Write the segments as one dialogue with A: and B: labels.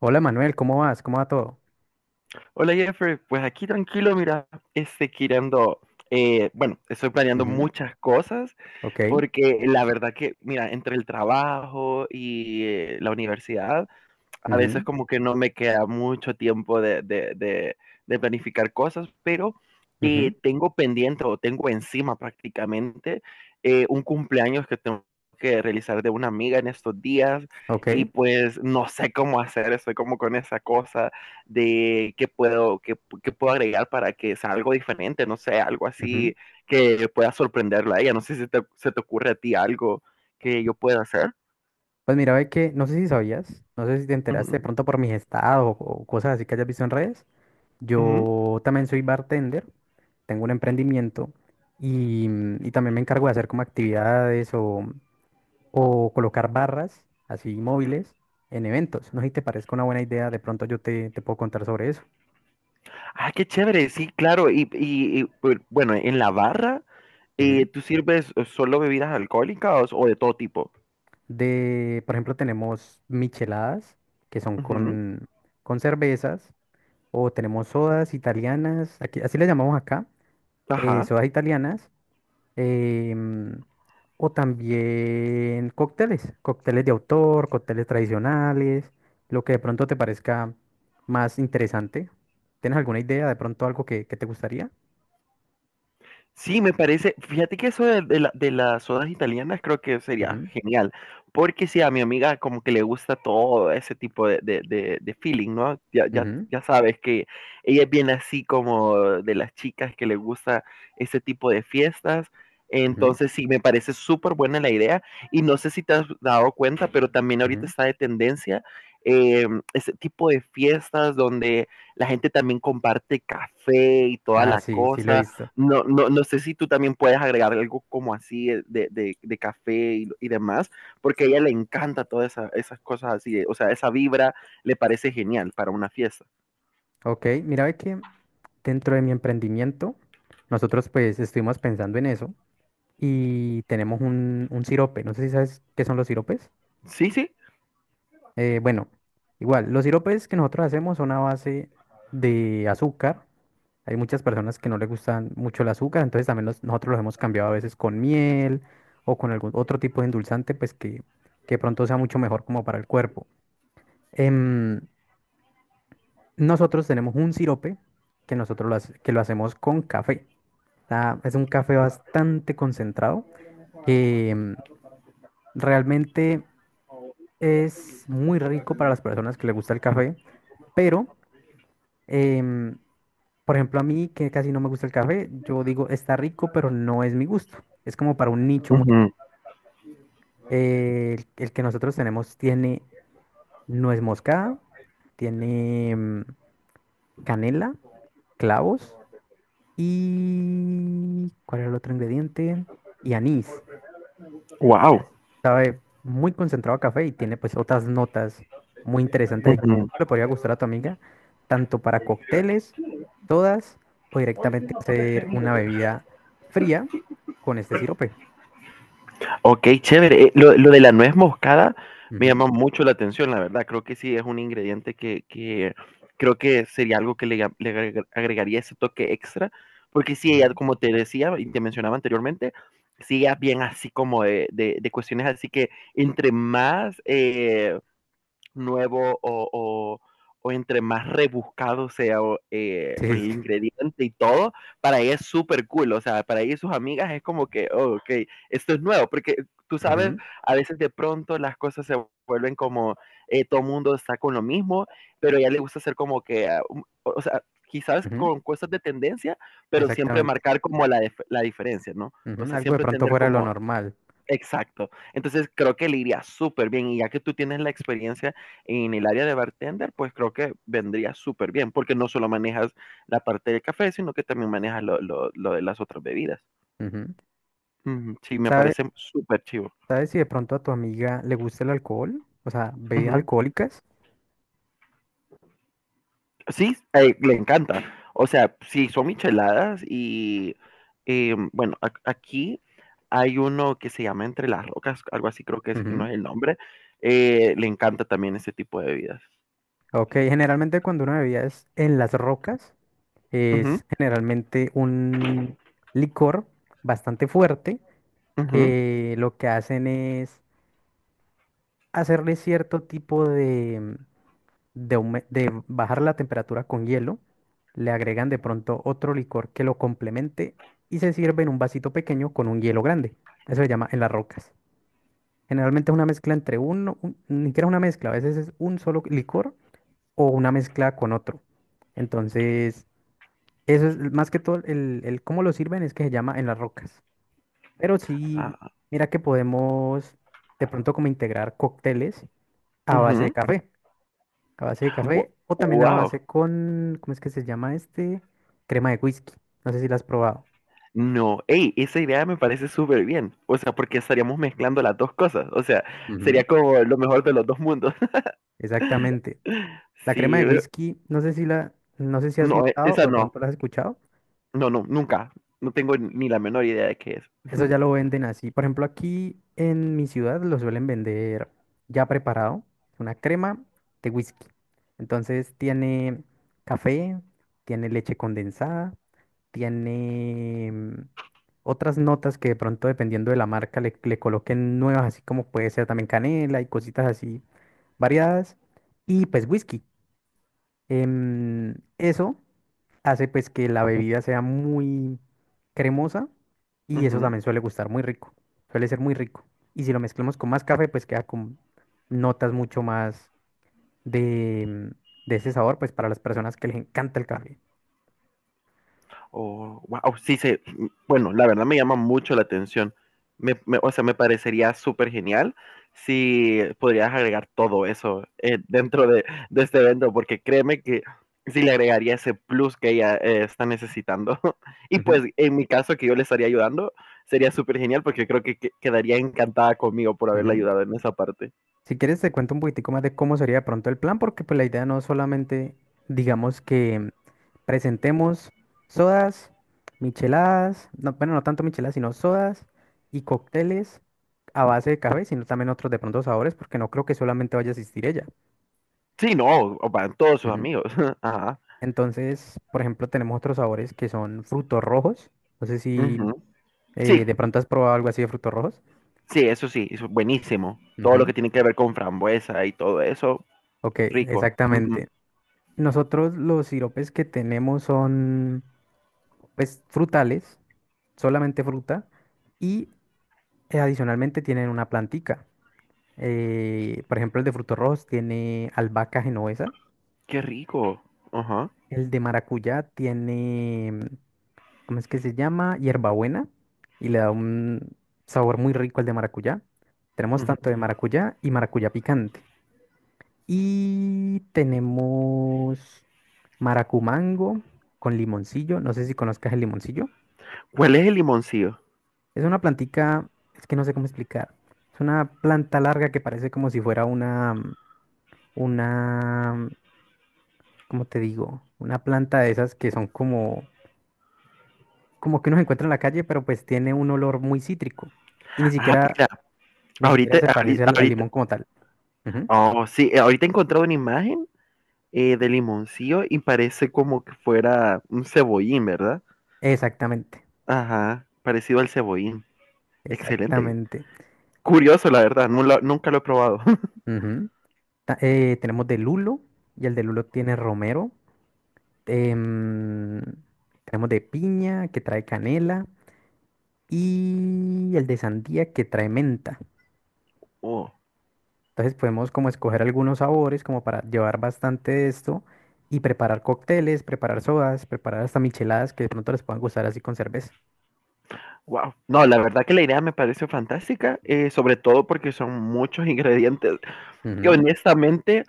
A: Hola Manuel, ¿cómo vas? ¿Cómo va todo?
B: Hola Jeffrey, pues aquí tranquilo, mira, queriendo, bueno, estoy planeando
A: Ujú.
B: muchas cosas
A: Ok.
B: porque la verdad que, mira, entre el trabajo y la universidad, a veces
A: Ujú,
B: como que no me queda mucho tiempo de planificar cosas, pero
A: ujú,
B: tengo pendiente o tengo encima prácticamente un cumpleaños que tengo que realizar de una amiga en estos días.
A: ok.
B: Y pues no sé cómo hacer, estoy como con esa cosa de qué puedo, qué puedo agregar para que sea algo diferente, no sé, algo
A: Ujú.
B: así que pueda sorprenderla a ella, no sé si se te ocurre a ti algo que yo pueda hacer.
A: Pues mira, ve que no sé si sabías, no sé si te enteraste
B: Ujú,
A: de pronto por mis estados o cosas así que hayas visto en redes.
B: ujú.
A: Yo también soy bartender, tengo un emprendimiento y, y también me encargo de hacer como actividades o colocar barras así móviles en eventos. No sé si te parezca una buena idea, de pronto yo te, te puedo contar sobre eso.
B: Ah, qué chévere, sí, claro. Bueno, en la barra, ¿tú sirves solo bebidas alcohólicas o de todo tipo?
A: De, por ejemplo, tenemos micheladas, que son
B: Ujú.
A: con cervezas, o tenemos sodas italianas, aquí, así le llamamos acá,
B: Ajá.
A: sodas italianas, em, o también cócteles, cócteles de autor, cócteles tradicionales, lo que de pronto te parezca más interesante. ¿Tienes alguna idea de pronto algo que te gustaría?
B: Sí, me parece, fíjate que eso de las sodas italianas creo que sería
A: Ujú,
B: genial, porque sí, a mi amiga como que le gusta todo ese tipo de, de feeling, ¿no?
A: ujú,
B: Ya sabes que ella es bien así como de las chicas que le gusta ese tipo de fiestas,
A: ujú,
B: entonces sí, me parece súper buena la idea. Y no sé si te has dado cuenta, pero también ahorita
A: ujú.
B: está de tendencia eh, ese tipo de fiestas donde la gente también comparte café y toda
A: Ah,
B: la
A: sí, sí lo he
B: cosa.
A: visto.
B: No sé si tú también puedes agregar algo como así de, de café y demás, porque a ella le encanta todas esas cosas así, o sea, esa vibra le parece genial para una fiesta.
A: Ok, mira ve que dentro de mi emprendimiento, nosotros pues estuvimos pensando en eso y tenemos un sirope. No sé si sabes qué son los siropes.
B: Sí, sí.
A: Bueno, igual, los siropes que nosotros hacemos son a base de azúcar. Hay muchas personas que no les gustan mucho el azúcar, entonces también los- nosotros los hemos cambiado a veces con miel o con algún otro tipo de endulzante, pues que pronto sea mucho mejor como para el cuerpo. Em, Nosotros tenemos un sirope que nosotros lo, hace- que lo hacemos con café. Está- es un café bastante concentrado que realmente es muy rico para las personas que les gusta el café, pero, em, por ejemplo, a mí que casi no me gusta el café, yo digo, está rico, pero no es mi gusto. Es como para un nicho muy... el que nosotros tenemos tiene nuez moscada, tiene canela, clavos. ¿Y cuál era el otro ingrediente? Y anís.
B: Wow.
A: Entonces, sabe muy concentrado a café y tiene pues otras notas muy interesantes que le podría gustar a tu amiga, tanto para cócteles, todas, o directamente hacer una bebida fría con este sirope.
B: Ok, chévere. Lo de la nuez moscada me
A: Ujú,
B: llama mucho la atención, la verdad. Creo que sí es un ingrediente que creo que sería algo que le, ga- le agregar- agregaría ese toque extra, porque sí, ella,
A: ujú.
B: como te decía y te mencionaba anteriormente, sí, ella es bien así como de, de cuestiones así que entre más, nuevo o entre más rebuscado sea o,
A: Sí, sí,
B: el
A: sí.
B: ingrediente y todo, para ella es súper cool. O sea, para ella y sus amigas es como que, oh, ok, esto es nuevo, porque tú sabes,
A: Ujú,
B: a veces de pronto las cosas se vuelven como todo mundo está con lo mismo, pero a ella le gusta hacer como que, ah, o sea, quizás
A: ujú,
B: con cosas de tendencia, pero siempre
A: exactamente.
B: marcar como la diferencia, ¿no? O
A: Ujú,
B: sea,
A: algo de
B: siempre
A: pronto
B: tener
A: fuera de lo
B: como
A: normal.
B: Exacto. Entonces creo que le iría súper bien. Y ya que tú tienes la experiencia en el área de bartender, pues creo que vendría súper bien, porque no solo manejas la parte del café, sino que también manejas lo de las otras bebidas.
A: Ujú.
B: Ujú. Sí, me
A: ¿Sabe-
B: parece súper chivo.
A: ¿Sabes si de pronto a tu amiga le gusta el alcohol? O sea, bebidas
B: Ujú.
A: alcohólicas.
B: Sí, le encanta. O sea, sí, son micheladas y bueno, aquí hay uno que se llama Entre las Rocas, algo así creo que es, no es el nombre. Le encanta también ese tipo de bebidas.
A: Ok, generalmente cuando uno bebía es en las rocas,
B: Ujú,
A: es generalmente un licor bastante fuerte
B: ujú.
A: que lo que hacen es hacerle cierto tipo de, aume- de bajar la temperatura con hielo, le agregan de pronto otro licor que lo complemente y se sirve en un vasito pequeño con un hielo grande. Eso se llama en las rocas. Generalmente es una mezcla entre uno, un- ni siquiera una mezcla, a veces es un solo licor o una mezcla con otro. Entonces... Eso es más que todo el cómo lo sirven es que se llama en las rocas. Pero sí,
B: Ah,
A: mira que podemos de pronto como integrar cócteles a base de
B: ujú.
A: café, a base de
B: Wo-
A: café o también a
B: Wow.
A: base con, ¿cómo es que se llama este? Crema de whisky. No sé si la has probado.
B: No, hey, esa idea me parece súper bien. O sea, porque estaríamos mezclando las dos cosas. O sea,
A: Ujú.
B: sería como lo mejor de los dos mundos.
A: Exactamente. La crema
B: Sí,
A: de whisky, no sé si la, no sé si has
B: no,
A: notado o
B: esa
A: de
B: no.
A: pronto la has escuchado.
B: No, no, nunca. No tengo ni la menor idea de qué es.
A: Eso ya lo venden así. Por ejemplo, aquí en mi ciudad lo suelen vender ya preparado, una crema de whisky. Entonces tiene café, tiene leche condensada, tiene otras notas que de pronto dependiendo de la marca le, le coloquen nuevas, así como puede ser también canela y cositas así variadas. Y pues whisky. Eso hace pues que la bebida sea muy cremosa y eso
B: Ujú.
A: también suele gustar muy rico, suele ser muy rico. Y si lo mezclamos con más café, pues queda con notas mucho más de, de ese sabor, pues para las personas que les encanta el café.
B: Oh, wow, sí, se, bueno, la verdad me llama mucho la atención. O sea, me parecería súper genial si podrías agregar todo eso dentro de este evento, porque créeme que sí le agregaría ese plus que ella está necesitando. Y
A: Ujú,
B: pues en mi caso que yo le estaría ayudando, sería súper genial porque creo quedaría encantada conmigo por haberle
A: ujú.
B: ayudado en esa parte.
A: Si quieres, te cuento un poquitico más de cómo sería de pronto el plan, porque pues la idea no es solamente, digamos que presentemos sodas, micheladas, no, bueno, no tanto micheladas, sino sodas y cócteles a base de café, sino también otros de pronto sabores, porque no creo que solamente vaya a existir ella.
B: Sí, no, o van todos sus
A: Ujú.
B: amigos. Ajá.
A: Entonces, por ejemplo, tenemos otros sabores que son frutos rojos. No sé si
B: Ujú. Sí,
A: de pronto has probado algo así de frutos rojos.
B: sí, eso sí, es buenísimo. Todo lo
A: Ujú.
B: que tiene que ver con frambuesa y todo eso,
A: Ok,
B: rico. Ujú.
A: exactamente. Nosotros los siropes que tenemos son, pues, frutales, solamente fruta, y adicionalmente tienen una plantica. Por ejemplo, el de frutos rojos tiene albahaca genovesa.
B: Qué rico. Ajá.
A: El de maracuyá tiene, ¿cómo es que se llama? Hierbabuena. Y le da un sabor muy rico al de maracuyá. Tenemos
B: Ujú.
A: tanto de maracuyá y maracuyá picante. Y tenemos maracumango con limoncillo. No sé si conozcas el limoncillo.
B: ¿Cuál es el limoncillo?
A: Es una plantica, es que no sé cómo explicar. Es una planta larga que parece como si fuera una como te digo, una planta de esas que son como, como que uno se encuentra en la calle, pero pues tiene un olor muy cítrico y ni
B: Ah,
A: siquiera,
B: espera,
A: ni siquiera se parece al, al
B: ahorita,
A: limón como tal. Ujú.
B: oh, sí, ahorita he encontrado una imagen de limoncillo y parece como que fuera un cebollín, ¿verdad?
A: Exactamente,
B: Ajá, parecido al cebollín. Excelente.
A: exactamente.
B: Curioso, la verdad, nunca lo he probado.
A: Ujú. Ta- tenemos de lulo y el de lulo tiene romero. em, tenemos de piña que trae canela y el de sandía que trae menta.
B: Oh,
A: Entonces podemos como escoger algunos sabores como para llevar bastante de esto y preparar cócteles, preparar sodas, preparar hasta micheladas que de pronto les puedan gustar así con cerveza.
B: wow. No, la verdad que la idea me pareció fantástica, sobre todo porque son muchos ingredientes
A: Ujú,
B: honestamente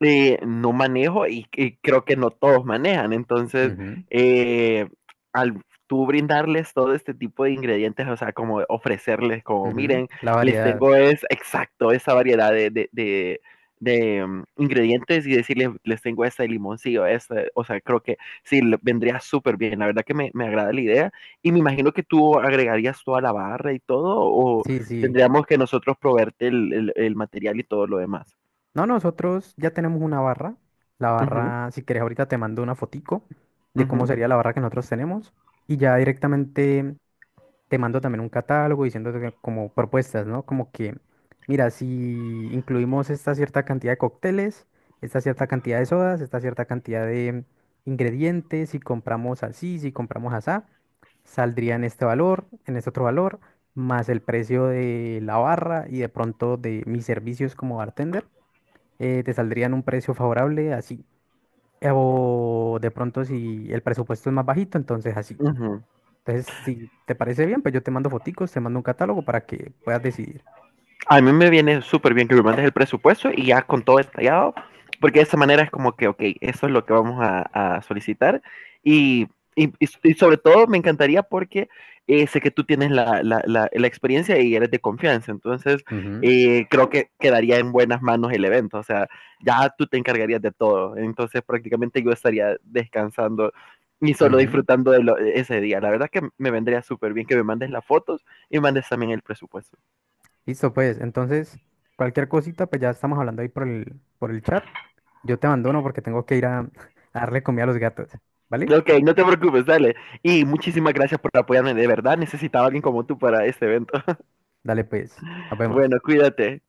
B: no manejo y creo que no todos manejan. Entonces,
A: ujú,
B: eh, al tú brindarles todo este tipo de ingredientes, o sea, como ofrecerles, como
A: ujú.
B: miren,
A: La
B: les
A: variedad.
B: tengo es exacto esa variedad ingredientes y decirles, les tengo este limoncillo, este, o sea, creo que sí, vendría súper bien, la verdad que me agrada la idea y me imagino que tú agregarías toda la barra y todo o
A: Sí, sí.
B: tendríamos que nosotros proveerte el, el material y todo lo demás.
A: No, nosotros ya tenemos una barra. La
B: Ujú,
A: barra, si quieres ahorita te mando una fotico de cómo
B: ujú,
A: sería la barra que nosotros tenemos y ya directamente te mando también un catálogo diciéndote que- como propuestas, ¿no? Como que, mira, si incluimos esta cierta cantidad de cócteles, esta cierta cantidad de sodas, esta cierta cantidad de ingredientes, si compramos así, si compramos asá, saldría en este valor, en este otro valor, más el precio de la barra y de pronto de mis servicios como bartender, te saldrían un precio favorable así. Eh, O de pronto si el presupuesto es más bajito, entonces así.
B: ujú.
A: Entonces, si te parece bien, pues yo te mando foticos, te mando un catálogo para que puedas decidir.
B: A mí me viene súper bien que me mandes el presupuesto y ya con todo detallado, porque de esa manera es como que, ok, eso es lo que vamos a solicitar. Y, y sobre todo me encantaría porque sé que tú tienes experiencia y eres de confianza, entonces
A: Ujú,
B: creo que quedaría en buenas manos el evento, o sea, ya tú te encargarías de todo, entonces prácticamente yo estaría descansando y solo
A: ujú.
B: disfrutando de lo, ese día. La verdad que me vendría súper bien que me mandes las fotos y mandes también el presupuesto.
A: Listo, pues. Entonces, cualquier cosita, pues ya estamos hablando ahí por el chat. Yo te abandono porque tengo que ir a, a darle comida a los gatos. ¿Vale?
B: Ok, no te preocupes, dale. Y muchísimas gracias por apoyarme, de verdad necesitaba a alguien como tú para este evento.
A: Dale, pues. Nos vemos.
B: Bueno, cuídate.